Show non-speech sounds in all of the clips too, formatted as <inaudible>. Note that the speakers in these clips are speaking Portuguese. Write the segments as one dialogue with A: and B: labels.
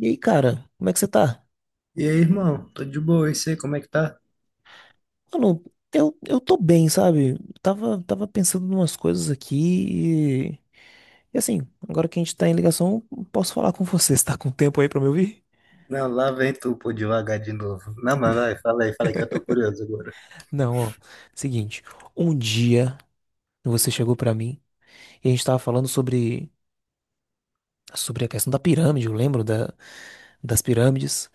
A: E aí, cara, como é que você tá?
B: E aí, irmão? Tô de boa, e sei como é que tá?
A: Mano, eu tô bem, sabe? Tava pensando em umas coisas aqui e assim, agora que a gente tá em ligação, posso falar com você. <laughs> Você tá com tempo aí pra me ouvir?
B: Não, lá vem tu, pô, devagar de novo. Não, mas vai, fala aí que eu tô curioso agora.
A: Não, ó. Seguinte, um dia você chegou pra mim e a gente tava falando sobre a questão da pirâmide, eu lembro das pirâmides.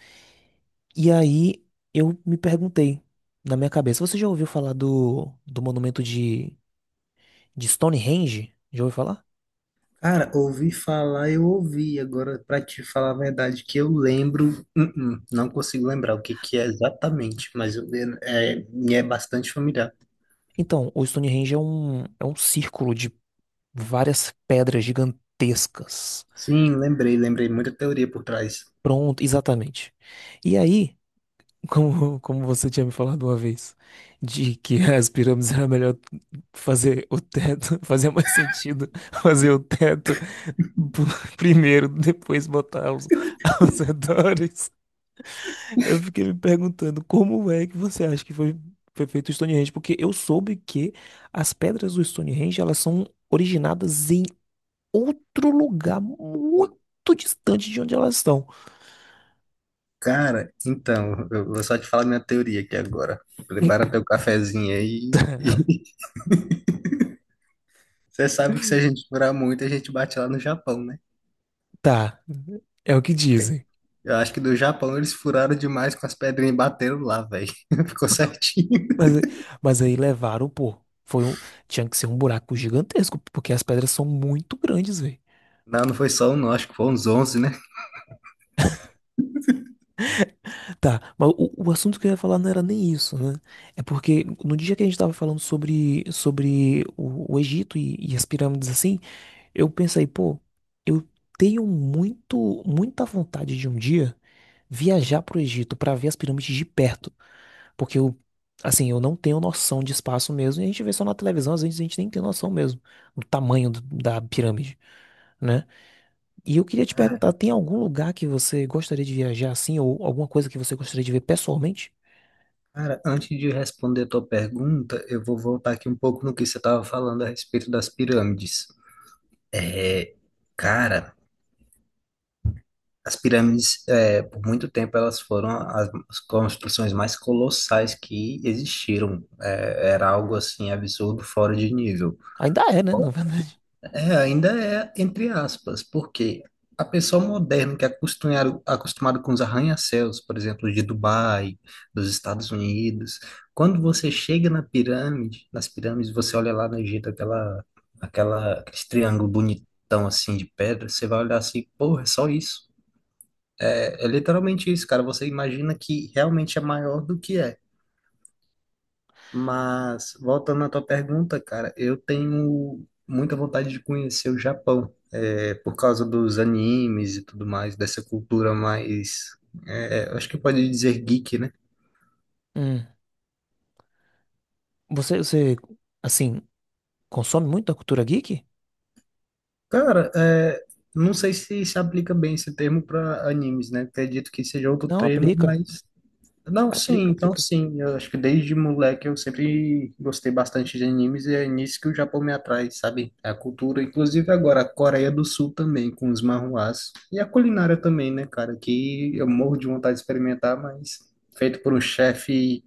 A: E aí eu me perguntei na minha cabeça, você já ouviu falar do monumento de Stonehenge? Já ouviu falar?
B: Cara, ouvi falar, eu ouvi. Agora, pra te falar a verdade, que eu lembro, uh-uh, não consigo lembrar o que que é exatamente, mas eu, é, me é bastante familiar.
A: Então, o Stonehenge é um círculo de várias pedras gigantescas.
B: Sim, lembrei, lembrei, muita teoria por trás.
A: Pronto, exatamente. E aí, <laughs> como você tinha me falado uma vez, de que <laughs> as pirâmides era melhor fazer o teto, <laughs> fazia mais sentido fazer o teto <laughs> primeiro, depois botar <laughs> os redores. Eu fiquei me perguntando como é que você acha que foi feito o Stonehenge? Porque eu soube que as pedras do Stonehenge, elas são originadas outro lugar muito distante de onde elas estão.
B: Cara, então, eu vou só te falar minha teoria aqui agora. Prepara teu cafezinho aí.
A: <laughs>
B: <laughs> Você sabe que se a gente durar muito, a gente bate lá no Japão, né?
A: Tá, é o que dizem.
B: Eu acho que do Japão eles furaram demais com as pedrinhas e bateram lá, velho. <laughs> Ficou certinho.
A: Mas, mas aí levaram, pô. Foi um, tinha que ser um buraco gigantesco, porque as pedras são muito grandes, velho.
B: Não, não foi só um, não. Acho que foram uns 11, né?
A: Tá, mas o assunto que eu ia falar não era nem isso, né? É porque no dia que a gente tava falando sobre o Egito e as pirâmides assim, eu pensei, pô, eu tenho muita vontade de um dia viajar pro Egito pra ver as pirâmides de perto. Porque eu, assim, eu não tenho noção de espaço mesmo. E a gente vê só na televisão, às vezes a gente nem tem noção mesmo do tamanho da pirâmide, né? E eu queria te perguntar,
B: Cara,
A: tem algum lugar que você gostaria de viajar assim, ou alguma coisa que você gostaria de ver pessoalmente?
B: cara, antes de responder a tua pergunta, eu vou voltar aqui um pouco no que você estava falando a respeito das pirâmides. É, cara, as pirâmides, é, por muito tempo, elas foram as construções mais colossais que existiram. É, era algo assim absurdo, fora de nível.
A: Ainda é, né? <laughs> Na verdade.
B: É, ainda é entre aspas, porque a pessoa moderna que é acostumado com os arranha-céus, por exemplo, de Dubai, dos Estados Unidos, quando você chega na pirâmide, nas pirâmides, você olha lá no Egito, aquele triângulo bonitão assim de pedra, você vai olhar assim, porra, é só isso. É, é literalmente isso, cara. Você imagina que realmente é maior do que é. Mas, voltando à tua pergunta, cara, eu tenho muita vontade de conhecer o Japão, é, por causa dos animes e tudo mais, dessa cultura mais, é, acho que pode dizer geek, né?
A: Hum. Você, assim, consome muito da cultura geek?
B: Cara, é, não sei se aplica bem esse termo para animes, né? Acredito que seja outro
A: Não,
B: termo,
A: aplica.
B: mas não, sim,
A: Aplica,
B: então
A: aplica.
B: sim. Eu acho que desde moleque eu sempre gostei bastante de animes e é nisso que o Japão me atrai, sabe? É a cultura, inclusive agora a Coreia do Sul também, com os manhuás. E a culinária também, né, cara? Que eu morro de vontade de experimentar, mas feito por um chefe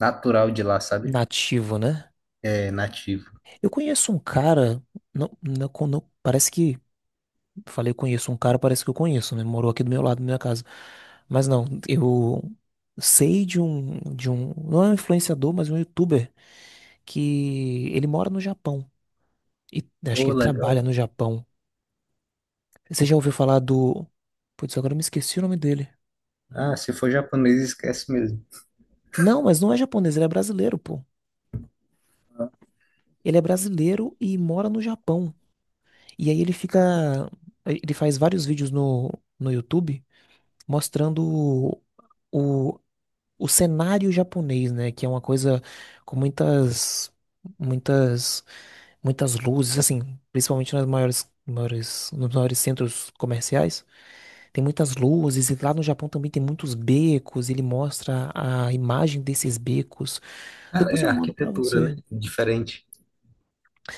B: natural de lá, sabe?
A: Nativo, né?
B: É nativo.
A: Eu conheço um cara, parece que falei, conheço um cara, parece que eu conheço, né? Morou aqui do meu lado, da minha casa. Mas não, eu sei de um, não é um influenciador, mas um youtuber que ele mora no Japão. E acho que
B: Ô,
A: ele trabalha
B: legal.
A: no Japão. Você já ouviu falar do. Putz, agora eu me esqueci o nome dele.
B: Ah, se for japonês, esquece mesmo.
A: Não, mas não é japonês, ele é brasileiro, pô. Ele é brasileiro e mora no Japão. E aí ele fica. Ele faz vários vídeos no YouTube mostrando o, o cenário japonês, né? Que é uma coisa com muitas, muitas, muitas luzes, assim, principalmente nas maiores, maiores, nos maiores centros comerciais. Tem muitas luzes e lá no Japão também tem muitos becos. Ele mostra a imagem desses becos.
B: Ah,
A: Depois
B: é
A: eu mando pra
B: arquitetura,
A: você.
B: né? Diferente.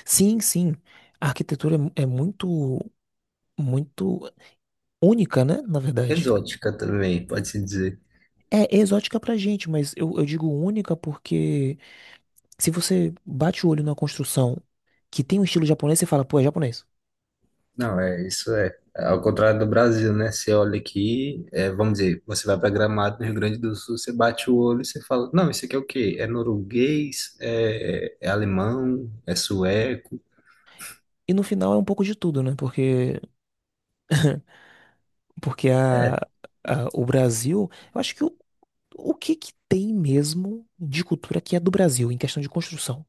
A: Sim, sim. A arquitetura é muito, muito única, né? Na verdade.
B: Exótica também, pode-se dizer.
A: É exótica pra gente, mas eu digo única porque se você bate o olho na construção que tem um estilo japonês, você fala, pô, é japonês.
B: Não, é isso é. Ao contrário do Brasil, né? Você olha aqui, é, vamos dizer, você vai para Gramado, no Rio Grande do Sul, você bate o olho e você fala, não, isso aqui é o quê? É norueguês? É, é alemão? É sueco?
A: E no final é um pouco de tudo, né? Porque o Brasil, eu acho que o que que tem mesmo de cultura que é do Brasil em questão de construção?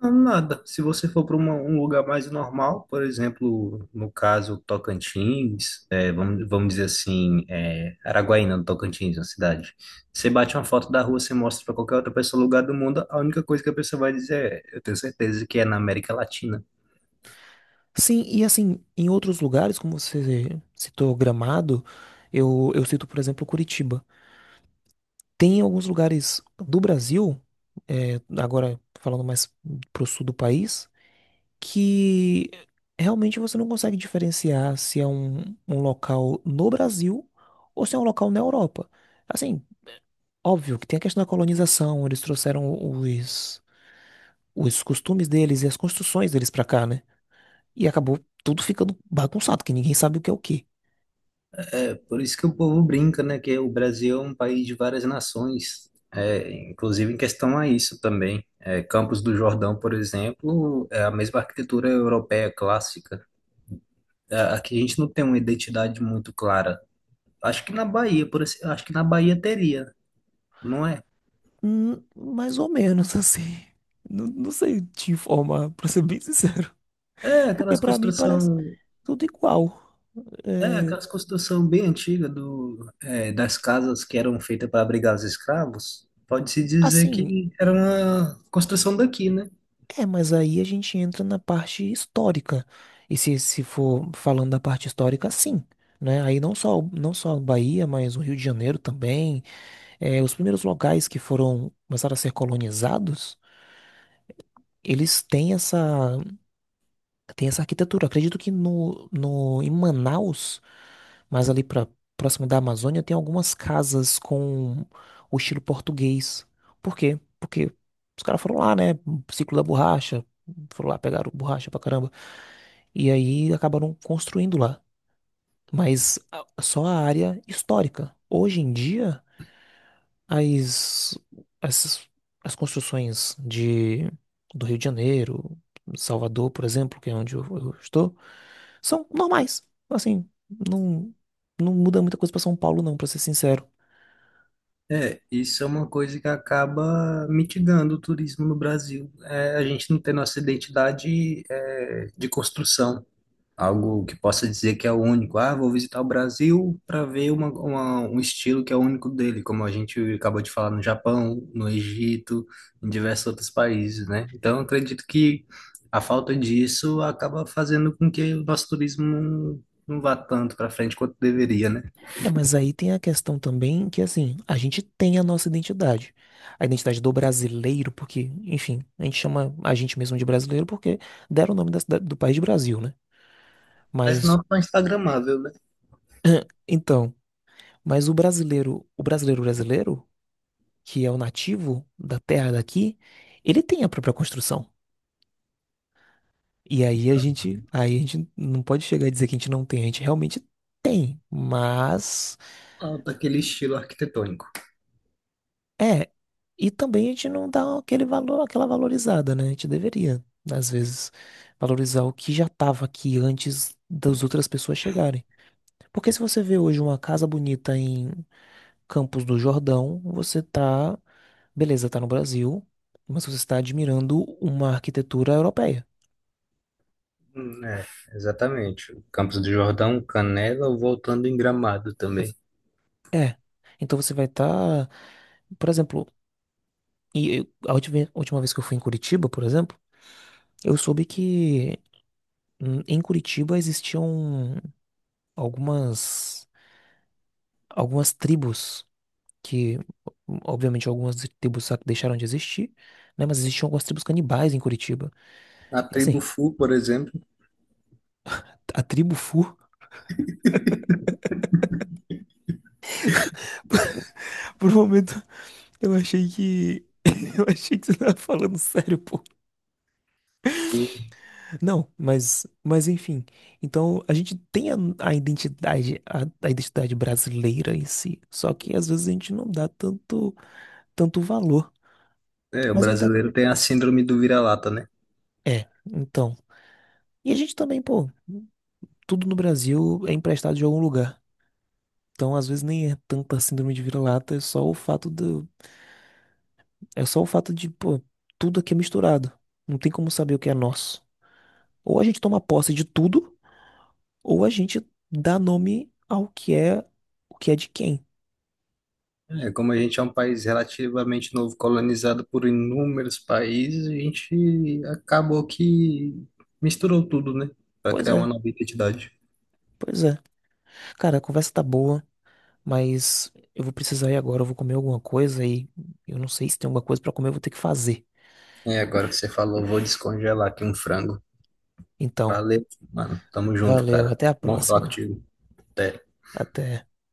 B: Não, nada. Se você for para um lugar mais normal, por exemplo, no caso Tocantins, é, vamos dizer assim, é, Araguaína, no Tocantins, uma cidade. Você bate uma foto da rua, você mostra para qualquer outra pessoa, lugar do mundo, a única coisa que a pessoa vai dizer é, eu tenho certeza que é na América Latina.
A: Sim, e assim, em outros lugares, como você citou Gramado, eu cito, por exemplo, Curitiba. Tem alguns lugares do Brasil, é, agora falando mais pro sul do país, que realmente você não consegue diferenciar se é um local no Brasil ou se é um local na Europa. Assim, óbvio que tem a questão da colonização, eles trouxeram os costumes deles e as construções deles pra cá, né? E acabou tudo ficando bagunçado, que ninguém sabe o que é o que
B: É por isso que o povo brinca, né? Que o Brasil é um país de várias nações. É, inclusive em questão a isso também. É, Campos do Jordão, por exemplo, é a mesma arquitetura europeia clássica. É, aqui a gente não tem uma identidade muito clara. Acho que na Bahia, acho que na Bahia teria, não é?
A: mais ou menos <laughs> assim. Não, não sei te informar, pra ser bem sincero.
B: É
A: Porque
B: aquelas
A: pra mim parece.
B: construção,
A: Tudo igual.
B: é
A: É,
B: aquelas construção bem antiga do, é, das casas que eram feitas para abrigar os escravos. Pode-se dizer
A: assim,
B: que era uma construção daqui, né?
A: é, mas aí a gente entra na parte histórica. E se for falando da parte histórica, sim. Né? Aí não só a Bahia, mas o Rio de Janeiro também. É, os primeiros locais que foram começaram a ser colonizados, eles têm essa tem essa arquitetura. Eu acredito que no, no, em Manaus, mas ali pra, próximo da Amazônia, tem algumas casas com o estilo português. Por quê? Porque os caras foram lá, né? Ciclo da borracha. Foram lá, pegaram borracha pra caramba. E aí acabaram construindo lá. Mas só a área histórica. Hoje em dia, as, as, as construções de, do Rio de Janeiro, Salvador, por exemplo, que é onde eu estou. São normais. Assim, não, não muda muita coisa pra São Paulo, não, pra ser sincero.
B: É, isso é uma coisa que acaba mitigando o turismo no Brasil. É, a gente não tem nossa identidade, é, de construção, algo que possa dizer que é o único. Ah, vou visitar o Brasil para ver um estilo que é o único dele, como a gente acabou de falar no Japão, no Egito, em diversos outros países, né? Então, eu acredito que a falta disso acaba fazendo com que o nosso turismo não vá tanto para frente quanto deveria, né?
A: É, mas aí tem a questão também que, assim, a gente tem a nossa identidade. A identidade do brasileiro, porque, enfim, a gente chama a gente mesmo de brasileiro porque deram o nome da do país de Brasil, né?
B: Mas
A: Mas,
B: não tão instagramável, né?
A: então, mas o brasileiro brasileiro, que é o nativo da terra daqui, ele tem a própria construção. E aí aí a gente não pode chegar e dizer que a gente não tem, a gente realmente tem, mas
B: Ah, daquele estilo arquitetônico.
A: é, e também a gente não dá aquele valor, aquela valorizada, né? A gente deveria, às vezes, valorizar o que já estava aqui antes das outras pessoas chegarem. Porque se você vê hoje uma casa bonita em Campos do Jordão, você tá, beleza, tá no Brasil, mas você está admirando uma arquitetura europeia.
B: É, exatamente. O Campos do Jordão, Canela, voltando em Gramado também.
A: É. Então você vai estar por exemplo, e última vez que eu fui em Curitiba, por exemplo, eu soube que em Curitiba existiam algumas, algumas tribos que, obviamente, algumas tribos deixaram de existir, né? Mas existiam algumas tribos canibais em Curitiba.
B: A
A: E
B: tribo
A: assim,
B: Fu, por exemplo,
A: a tribo Fu, <laughs> por um momento, eu achei que. <laughs> Eu achei que você tava falando sério, pô.
B: o-
A: Não, mas enfim. Então a gente tem a identidade, a identidade brasileira em si. Só que às vezes a gente não dá tanto, tanto valor.
B: o
A: Mas ainda
B: brasileiro tem a síndrome do vira-lata, né?
A: é, então. E a gente também, pô, tudo no Brasil é emprestado de algum lugar. Então às vezes nem é tanta síndrome de vira-lata, é só o fato é só o fato de, pô, tudo aqui é misturado. Não tem como saber o que é nosso. Ou a gente toma posse de tudo, ou a gente dá nome ao que é, o que é de quem.
B: É, como a gente é um país relativamente novo, colonizado por inúmeros países, a gente acabou que misturou tudo, né? Para
A: Pois
B: criar uma
A: é.
B: nova identidade.
A: Pois é. Cara, a conversa tá boa, mas eu vou precisar ir agora. Eu vou comer alguma coisa e eu não sei se tem alguma coisa pra comer, eu vou ter que fazer.
B: É, agora que você falou, vou descongelar aqui um frango.
A: Então,
B: Valeu, mano. Tamo junto,
A: valeu,
B: cara.
A: até a
B: Bom falar
A: próxima.
B: contigo. Até.
A: Até.